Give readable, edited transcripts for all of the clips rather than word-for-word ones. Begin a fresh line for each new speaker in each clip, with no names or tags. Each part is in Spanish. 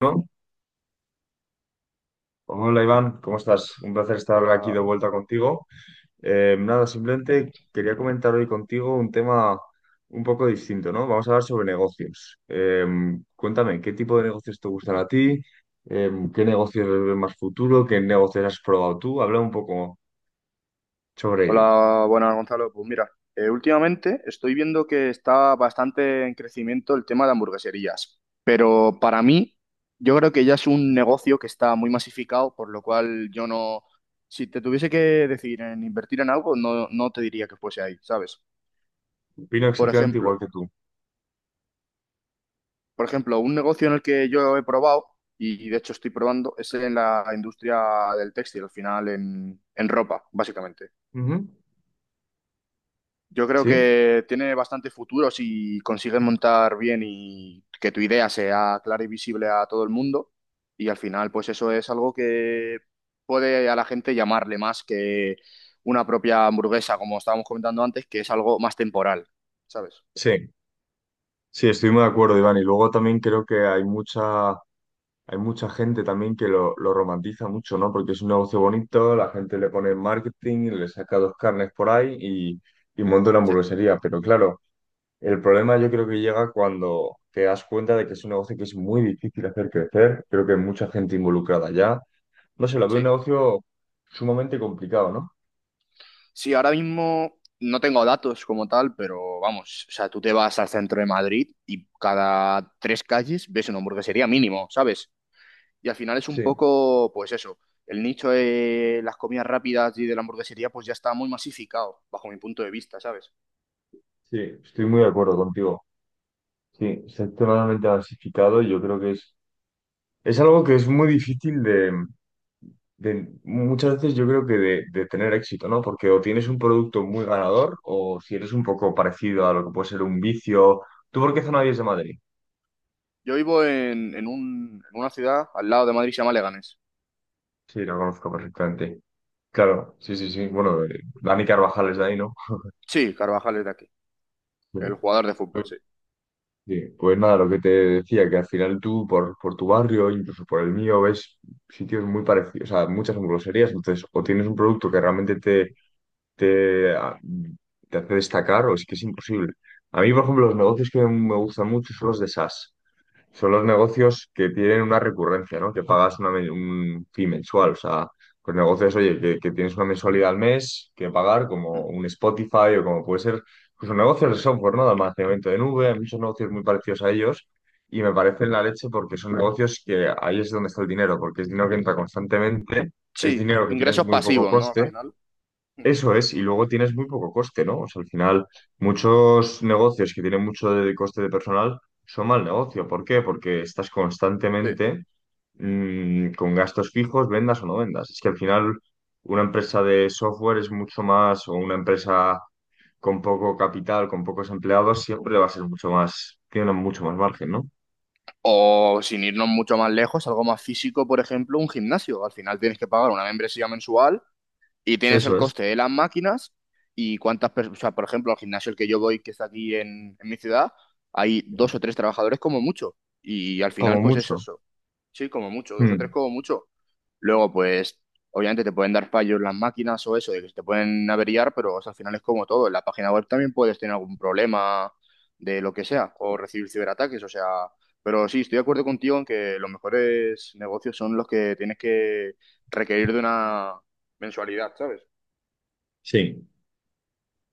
¿No? Hola Iván, ¿cómo estás? Un placer estar aquí de
Hola,
vuelta contigo. Nada, simplemente quería comentar hoy contigo un tema un poco distinto, ¿no? Vamos a hablar sobre negocios. Cuéntame, ¿qué tipo de negocios te gustan a ti? ¿Qué negocios ves más futuro? ¿Qué negocios has probado tú? Habla un poco sobre ello.
hola, buenas Gonzalo. Pues mira, últimamente estoy viendo que está bastante en crecimiento el tema de hamburgueserías, pero para mí yo creo que ya es un negocio que está muy masificado, por lo cual yo no, si te tuviese que decidir en invertir en algo, no, no te diría que fuese ahí, ¿sabes?
Opino
Por
exactamente igual
ejemplo,
que tú.
por ejemplo, un negocio en el que yo he probado y de hecho estoy probando es en la industria del textil, al final en ropa, básicamente.
Ujú.
Yo creo
¿Sí?
que tiene bastante futuro si consigues montar bien y que tu idea sea clara y visible a todo el mundo. Y al final, pues eso es algo que puede a la gente llamarle más que una propia hamburguesa, como estábamos comentando antes, que es algo más temporal, ¿sabes?
Sí, sí, estoy muy de acuerdo, Iván. Y luego también creo que hay mucha. Hay mucha gente también que lo romantiza mucho, ¿no? Porque es un negocio bonito, la gente le pone marketing, le saca dos carnes por ahí y monta una
Sí,
hamburguesería. Pero claro, el problema yo creo que llega cuando te das cuenta de que es un negocio que es muy difícil hacer crecer. Creo que hay mucha gente involucrada ya. No sé, lo veo un
sí.
negocio sumamente complicado, ¿no?
Sí, ahora mismo no tengo datos como tal, pero vamos, o sea, tú te vas al centro de Madrid y cada tres calles ves una hamburguesería mínimo, ¿sabes? Y al final es un
Sí.
poco, pues eso, el nicho de las comidas rápidas y de la hamburguesería pues ya está muy masificado, bajo mi punto de vista, ¿sabes?
Sí, estoy muy de acuerdo contigo. Sí, sector totalmente diversificado y yo creo que es. Es algo que es muy difícil muchas veces yo creo que de tener éxito, ¿no? Porque o tienes un producto muy ganador o si eres un poco parecido a lo que puede ser un vicio. ¿Tú por qué zona eres de Madrid?
Yo vivo en una ciudad al lado de Madrid, se llama Leganés.
Sí, lo conozco perfectamente. Claro, sí, sí, sí. Bueno, Dani Carvajal es de ahí, ¿no?
Sí, Carvajal es de aquí,
Sí.
el jugador de fútbol,
Pues
sí.
sí, pues nada, lo que te decía, que al final tú por tu barrio, incluso por el mío, ves sitios muy parecidos, o sea, muchas hamburgueserías, entonces o tienes un producto que realmente te, te hace destacar o es que es imposible. A mí, por ejemplo, los negocios que me gustan mucho son los de SaaS. Son los negocios que tienen una recurrencia, ¿no? Que pagas un fee mensual. O sea, los negocios, oye, que tienes una mensualidad al mes que pagar, como
Mm.
un Spotify o como puede ser, pues son negocios de software, ¿no? De almacenamiento de nube, hay muchos negocios muy parecidos a ellos. Y me parecen la leche porque son negocios que ahí es donde está el dinero, porque es dinero que entra constantemente, es
Sí,
dinero que tienes
ingresos
muy poco
pasivos, ¿no? Al
coste,
final. Mm.
eso es, y luego tienes muy poco coste, ¿no? O sea, al final, muchos negocios que tienen mucho de coste de personal son mal negocio. ¿Por qué? Porque estás
Sí.
constantemente con gastos fijos, vendas o no vendas. Es que al final, una empresa de software es mucho más, o una empresa con poco capital, con pocos empleados, siempre va a ser mucho más, tiene mucho más margen, ¿no?
O sin irnos mucho más lejos, algo más físico, por ejemplo, un gimnasio. Al final tienes que pagar una membresía mensual y tienes el
Eso es,
coste de las máquinas y cuántas personas, o sea, por ejemplo, al gimnasio el que yo voy, que está aquí en mi ciudad, hay dos o tres trabajadores como mucho. Y al
como
final, pues es
mucho.
eso. Sí, como mucho, dos o tres
Mm.
como mucho. Luego, pues, obviamente te pueden dar fallos las máquinas o eso, de que se te pueden averiar, pero o sea, al final es como todo. En la página web también puedes tener algún problema de lo que sea, o recibir ciberataques, o sea. Pero sí, estoy de acuerdo contigo en que los mejores negocios son los que tienes que requerir de una mensualidad, ¿sabes?
Sí.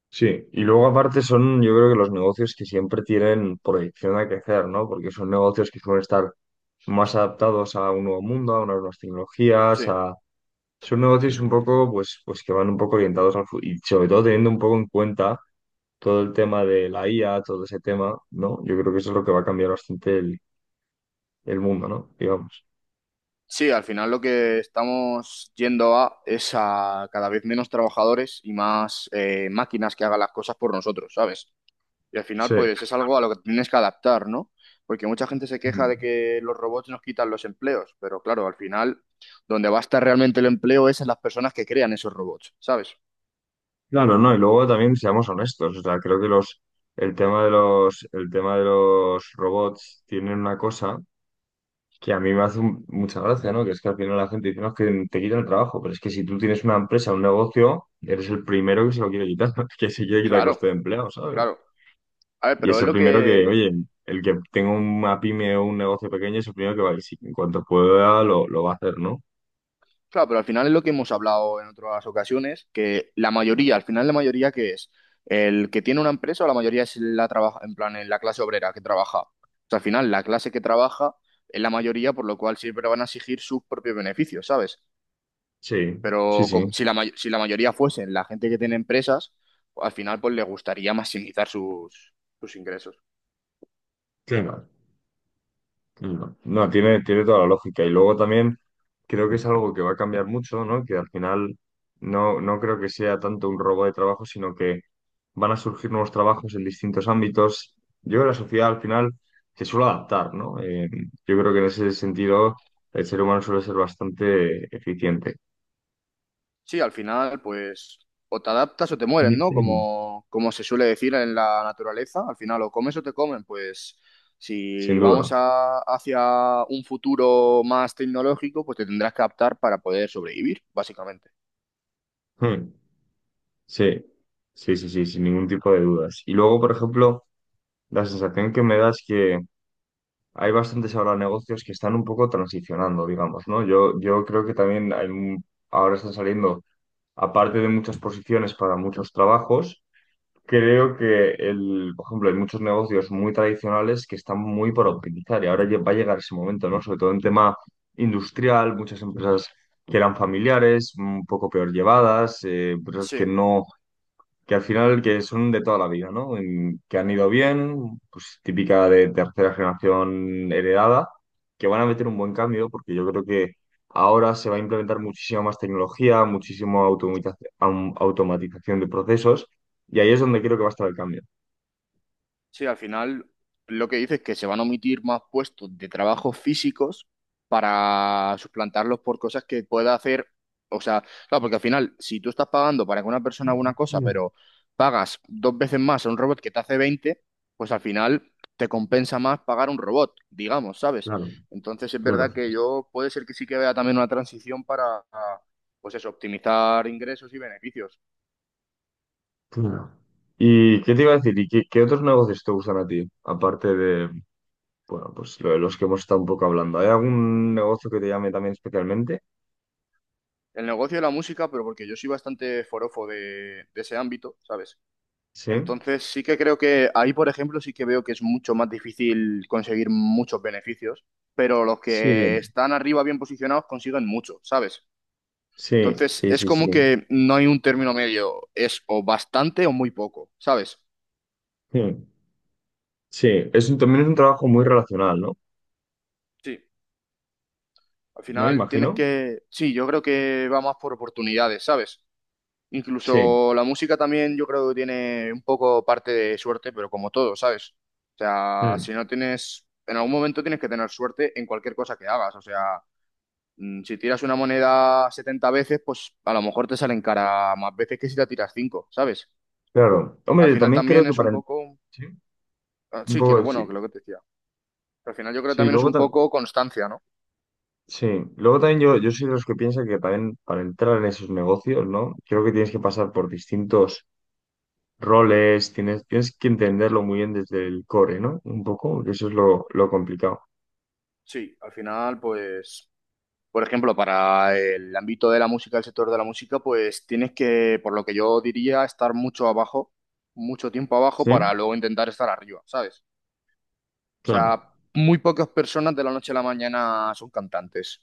Sí, y luego aparte son, yo creo que los negocios que siempre tienen proyección a crecer, ¿no? Porque son negocios que suelen estar más adaptados a un nuevo mundo, a unas nuevas tecnologías,
Sí,
a... Son negocios un poco, pues, pues que van un poco orientados al futuro, y sobre todo teniendo un poco en cuenta todo el tema de la IA, todo ese tema, ¿no? Yo creo que eso es lo que va a cambiar bastante el mundo, ¿no? Digamos.
sí, al final lo que estamos yendo a es a cada vez menos trabajadores y más máquinas que hagan las cosas por nosotros, ¿sabes? Y al final,
Sí.
pues es algo a lo que tienes que adaptar, ¿no? Porque mucha gente se queja
Mm.
de que los robots nos quitan los empleos, pero claro, al final, donde va a estar realmente el empleo es en las personas que crean esos robots, ¿sabes?
Claro, no, y luego también seamos honestos, o sea, creo que el tema de los, el tema de los robots tienen una cosa. Que a mí me hace mucha gracia, ¿no? Que es que al final la gente dice, no, es que te quitan el trabajo, pero es que si tú tienes una empresa, un negocio, eres el primero que se lo quiere quitar, que se quiere quitar
Claro,
coste de empleo, ¿sabes?
claro. A ver,
Y
pero
es
es
el
lo
primero que,
que
oye, el que tenga una pyme o un negocio pequeño es el primero que va a ir, en cuanto pueda, lo va a hacer, ¿no?
claro, pero al final es lo que hemos hablado en otras ocasiones, que la mayoría, al final la mayoría que es el que tiene una empresa o la mayoría es la trabaja, en plan, en la clase obrera que trabaja. O sea, al final la clase que trabaja es la mayoría, por lo cual siempre van a exigir sus propios beneficios, ¿sabes?
Sí, sí, sí.
Si la mayoría fuesen la gente que tiene empresas, al final pues le gustaría maximizar sus, sus ingresos.
Sí. No, no, tiene, tiene toda la lógica. Y luego también creo que es algo que va a cambiar mucho, ¿no? Que al final no, no creo que sea tanto un robo de trabajo, sino que van a surgir nuevos trabajos en distintos ámbitos. Yo creo que la sociedad al final se suele adaptar, ¿no? Yo creo que en ese sentido el ser humano suele ser bastante eficiente,
Sí, al final, pues, o te adaptas o te mueren, ¿no? Como, como se suele decir en la naturaleza, al final o comes o te comen, pues, si
sin duda.
hacia un futuro más tecnológico, pues te tendrás que adaptar para poder sobrevivir, básicamente.
Hmm. Sí, sí, sí, sí, sin ningún tipo de dudas. Y luego, por ejemplo, la sensación que me da es que hay bastantes ahora negocios que están un poco transicionando, digamos, ¿no? Yo creo que también ahora están saliendo, aparte de muchas posiciones para muchos trabajos, creo que, el, por ejemplo, hay muchos negocios muy tradicionales que están muy por optimizar y ahora va a llegar ese momento, ¿no? Sobre todo en tema industrial, muchas empresas que eran familiares, un poco peor llevadas, empresas que
Sí.
no, que al final que son de toda la vida, ¿no? Que han ido bien, pues típica de tercera generación heredada, que van a meter un buen cambio, porque yo creo que ahora se va a implementar muchísima más tecnología, muchísima automatización de procesos, y ahí es donde creo que va a estar el cambio.
Sí, al final lo que dice es que se van a omitir más puestos de trabajo físicos para suplantarlos por cosas que pueda hacer. O sea, claro, porque al final, si tú estás pagando para que una persona haga una cosa,
Mm.
pero pagas dos veces más a un robot que te hace 20, pues al final te compensa más pagar un robot, digamos, ¿sabes?
Claro,
Entonces es
claro,
verdad que yo puede ser que sí que vea también una transición para, pues eso, optimizar ingresos y beneficios.
claro. ¿Y qué te iba a decir? ¿Y qué, qué otros negocios te gustan a ti? Aparte de, bueno, pues lo de los que hemos estado un poco hablando. ¿Hay algún negocio que te llame también especialmente?
El negocio de la música, pero porque yo soy bastante forofo de ese ámbito, ¿sabes?
Sí.
Entonces sí que creo que ahí, por ejemplo, sí que veo que es mucho más difícil conseguir muchos beneficios, pero los que
Sí,
están arriba bien posicionados consiguen mucho, ¿sabes?
sí,
Entonces
sí,
es
sí,
como
sí.
que no hay un término medio, es o bastante o muy poco, ¿sabes?
Mm. Sí, es también es un trabajo muy relacional, ¿no?
Sí, al
¿No?
final tienes
Imagino.
que, sí, yo creo que va más por oportunidades, ¿sabes?
Sí.
Incluso la música también yo creo que tiene un poco parte de suerte, pero como todo, ¿sabes? O sea,
Mm.
si no tienes, en algún momento tienes que tener suerte en cualquier cosa que hagas. O sea, si tiras una moneda 70 veces, pues a lo mejor te salen cara más veces que si la tiras cinco, ¿sabes?
Claro. Hombre,
Al
yo
final
también creo
también
que
es un
para...
poco,
Sí,
ah,
un
sí, que
poco
lo bueno,
sí.
que lo que te decía. Al final yo creo que
Sí,
también es
luego
un
también...
poco constancia, ¿no?
Sí, luego también yo soy de los que piensa que también para entrar en esos negocios, ¿no? Creo que tienes que pasar por distintos roles, tienes, tienes que entenderlo muy bien desde el core, ¿no? Un poco, que eso es lo complicado.
Sí, al final pues por ejemplo, para el ámbito de la música, el sector de la música, pues tienes que, por lo que yo diría, estar mucho abajo, mucho tiempo abajo
Sí,
para luego intentar estar arriba, ¿sabes? O
claro.
sea, muy pocas personas de la noche a la mañana son cantantes.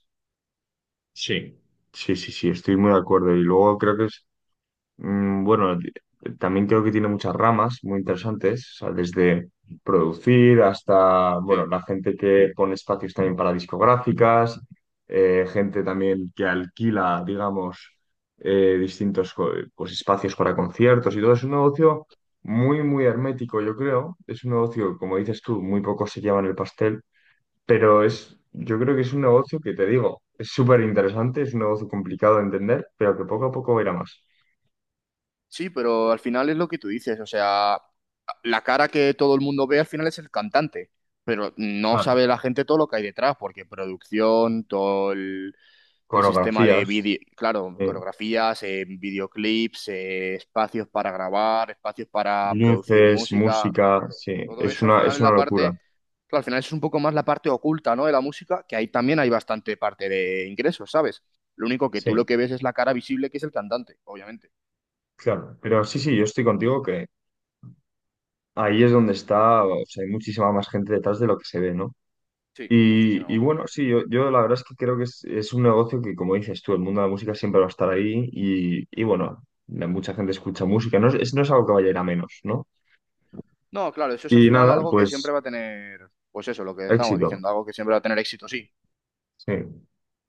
Sí. Sí, sí, sí, estoy muy de acuerdo. Y luego creo que es. Mm, Bueno, di- También creo que tiene muchas ramas muy interesantes, o sea, desde producir hasta, bueno,
Sí.
la gente que pone espacios también para discográficas, gente también que alquila, digamos, distintos pues, espacios para conciertos y todo. Es un negocio muy, muy hermético, yo creo. Es un negocio, como dices tú, muy pocos se llevan el pastel, pero es, yo creo que es un negocio que te digo, es súper interesante, es un negocio complicado de entender, pero que poco a poco irá más.
Sí, pero al final es lo que tú dices, o sea, la cara que todo el mundo ve al final es el cantante, pero no sabe la gente todo lo que hay detrás, porque producción, todo el sistema de
Coreografías,
vídeo, claro,
sí.
coreografías, videoclips, espacios para grabar, espacios para producir
Luces,
música,
música,
claro,
sí.
todo eso al final
Es
es
una
la
locura.
parte, claro, al final es un poco más la parte oculta, ¿no? De la música, que ahí también hay bastante parte de ingresos, ¿sabes? Lo único que
Sí,
tú lo que ves es la cara visible que es el cantante, obviamente.
claro. Pero sí, sí, yo estoy contigo que ahí es donde está, o sea, hay muchísima más gente detrás de lo que se ve, ¿no?
Sí, muchísima
Y
más
bueno,
gente.
sí, yo la verdad es que creo que es un negocio que, como dices tú, el mundo de la música siempre va a estar ahí y bueno, mucha gente escucha música, no es, no es algo que vaya a ir a menos, ¿no?
No, claro, eso es al
Y
final
nada,
algo que siempre
pues
va a tener, pues eso, lo que estábamos
éxito.
diciendo, algo que siempre va a tener éxito, sí.
Sí.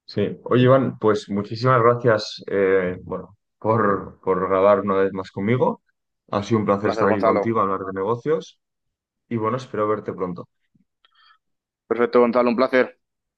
Sí, oye Iván, pues muchísimas gracias bueno, por grabar una vez más conmigo. Ha sido un placer
Placer,
estar aquí
Gonzalo.
contigo, hablar de negocios y bueno, espero verte pronto.
Perfecto, Gonzalo, un placer.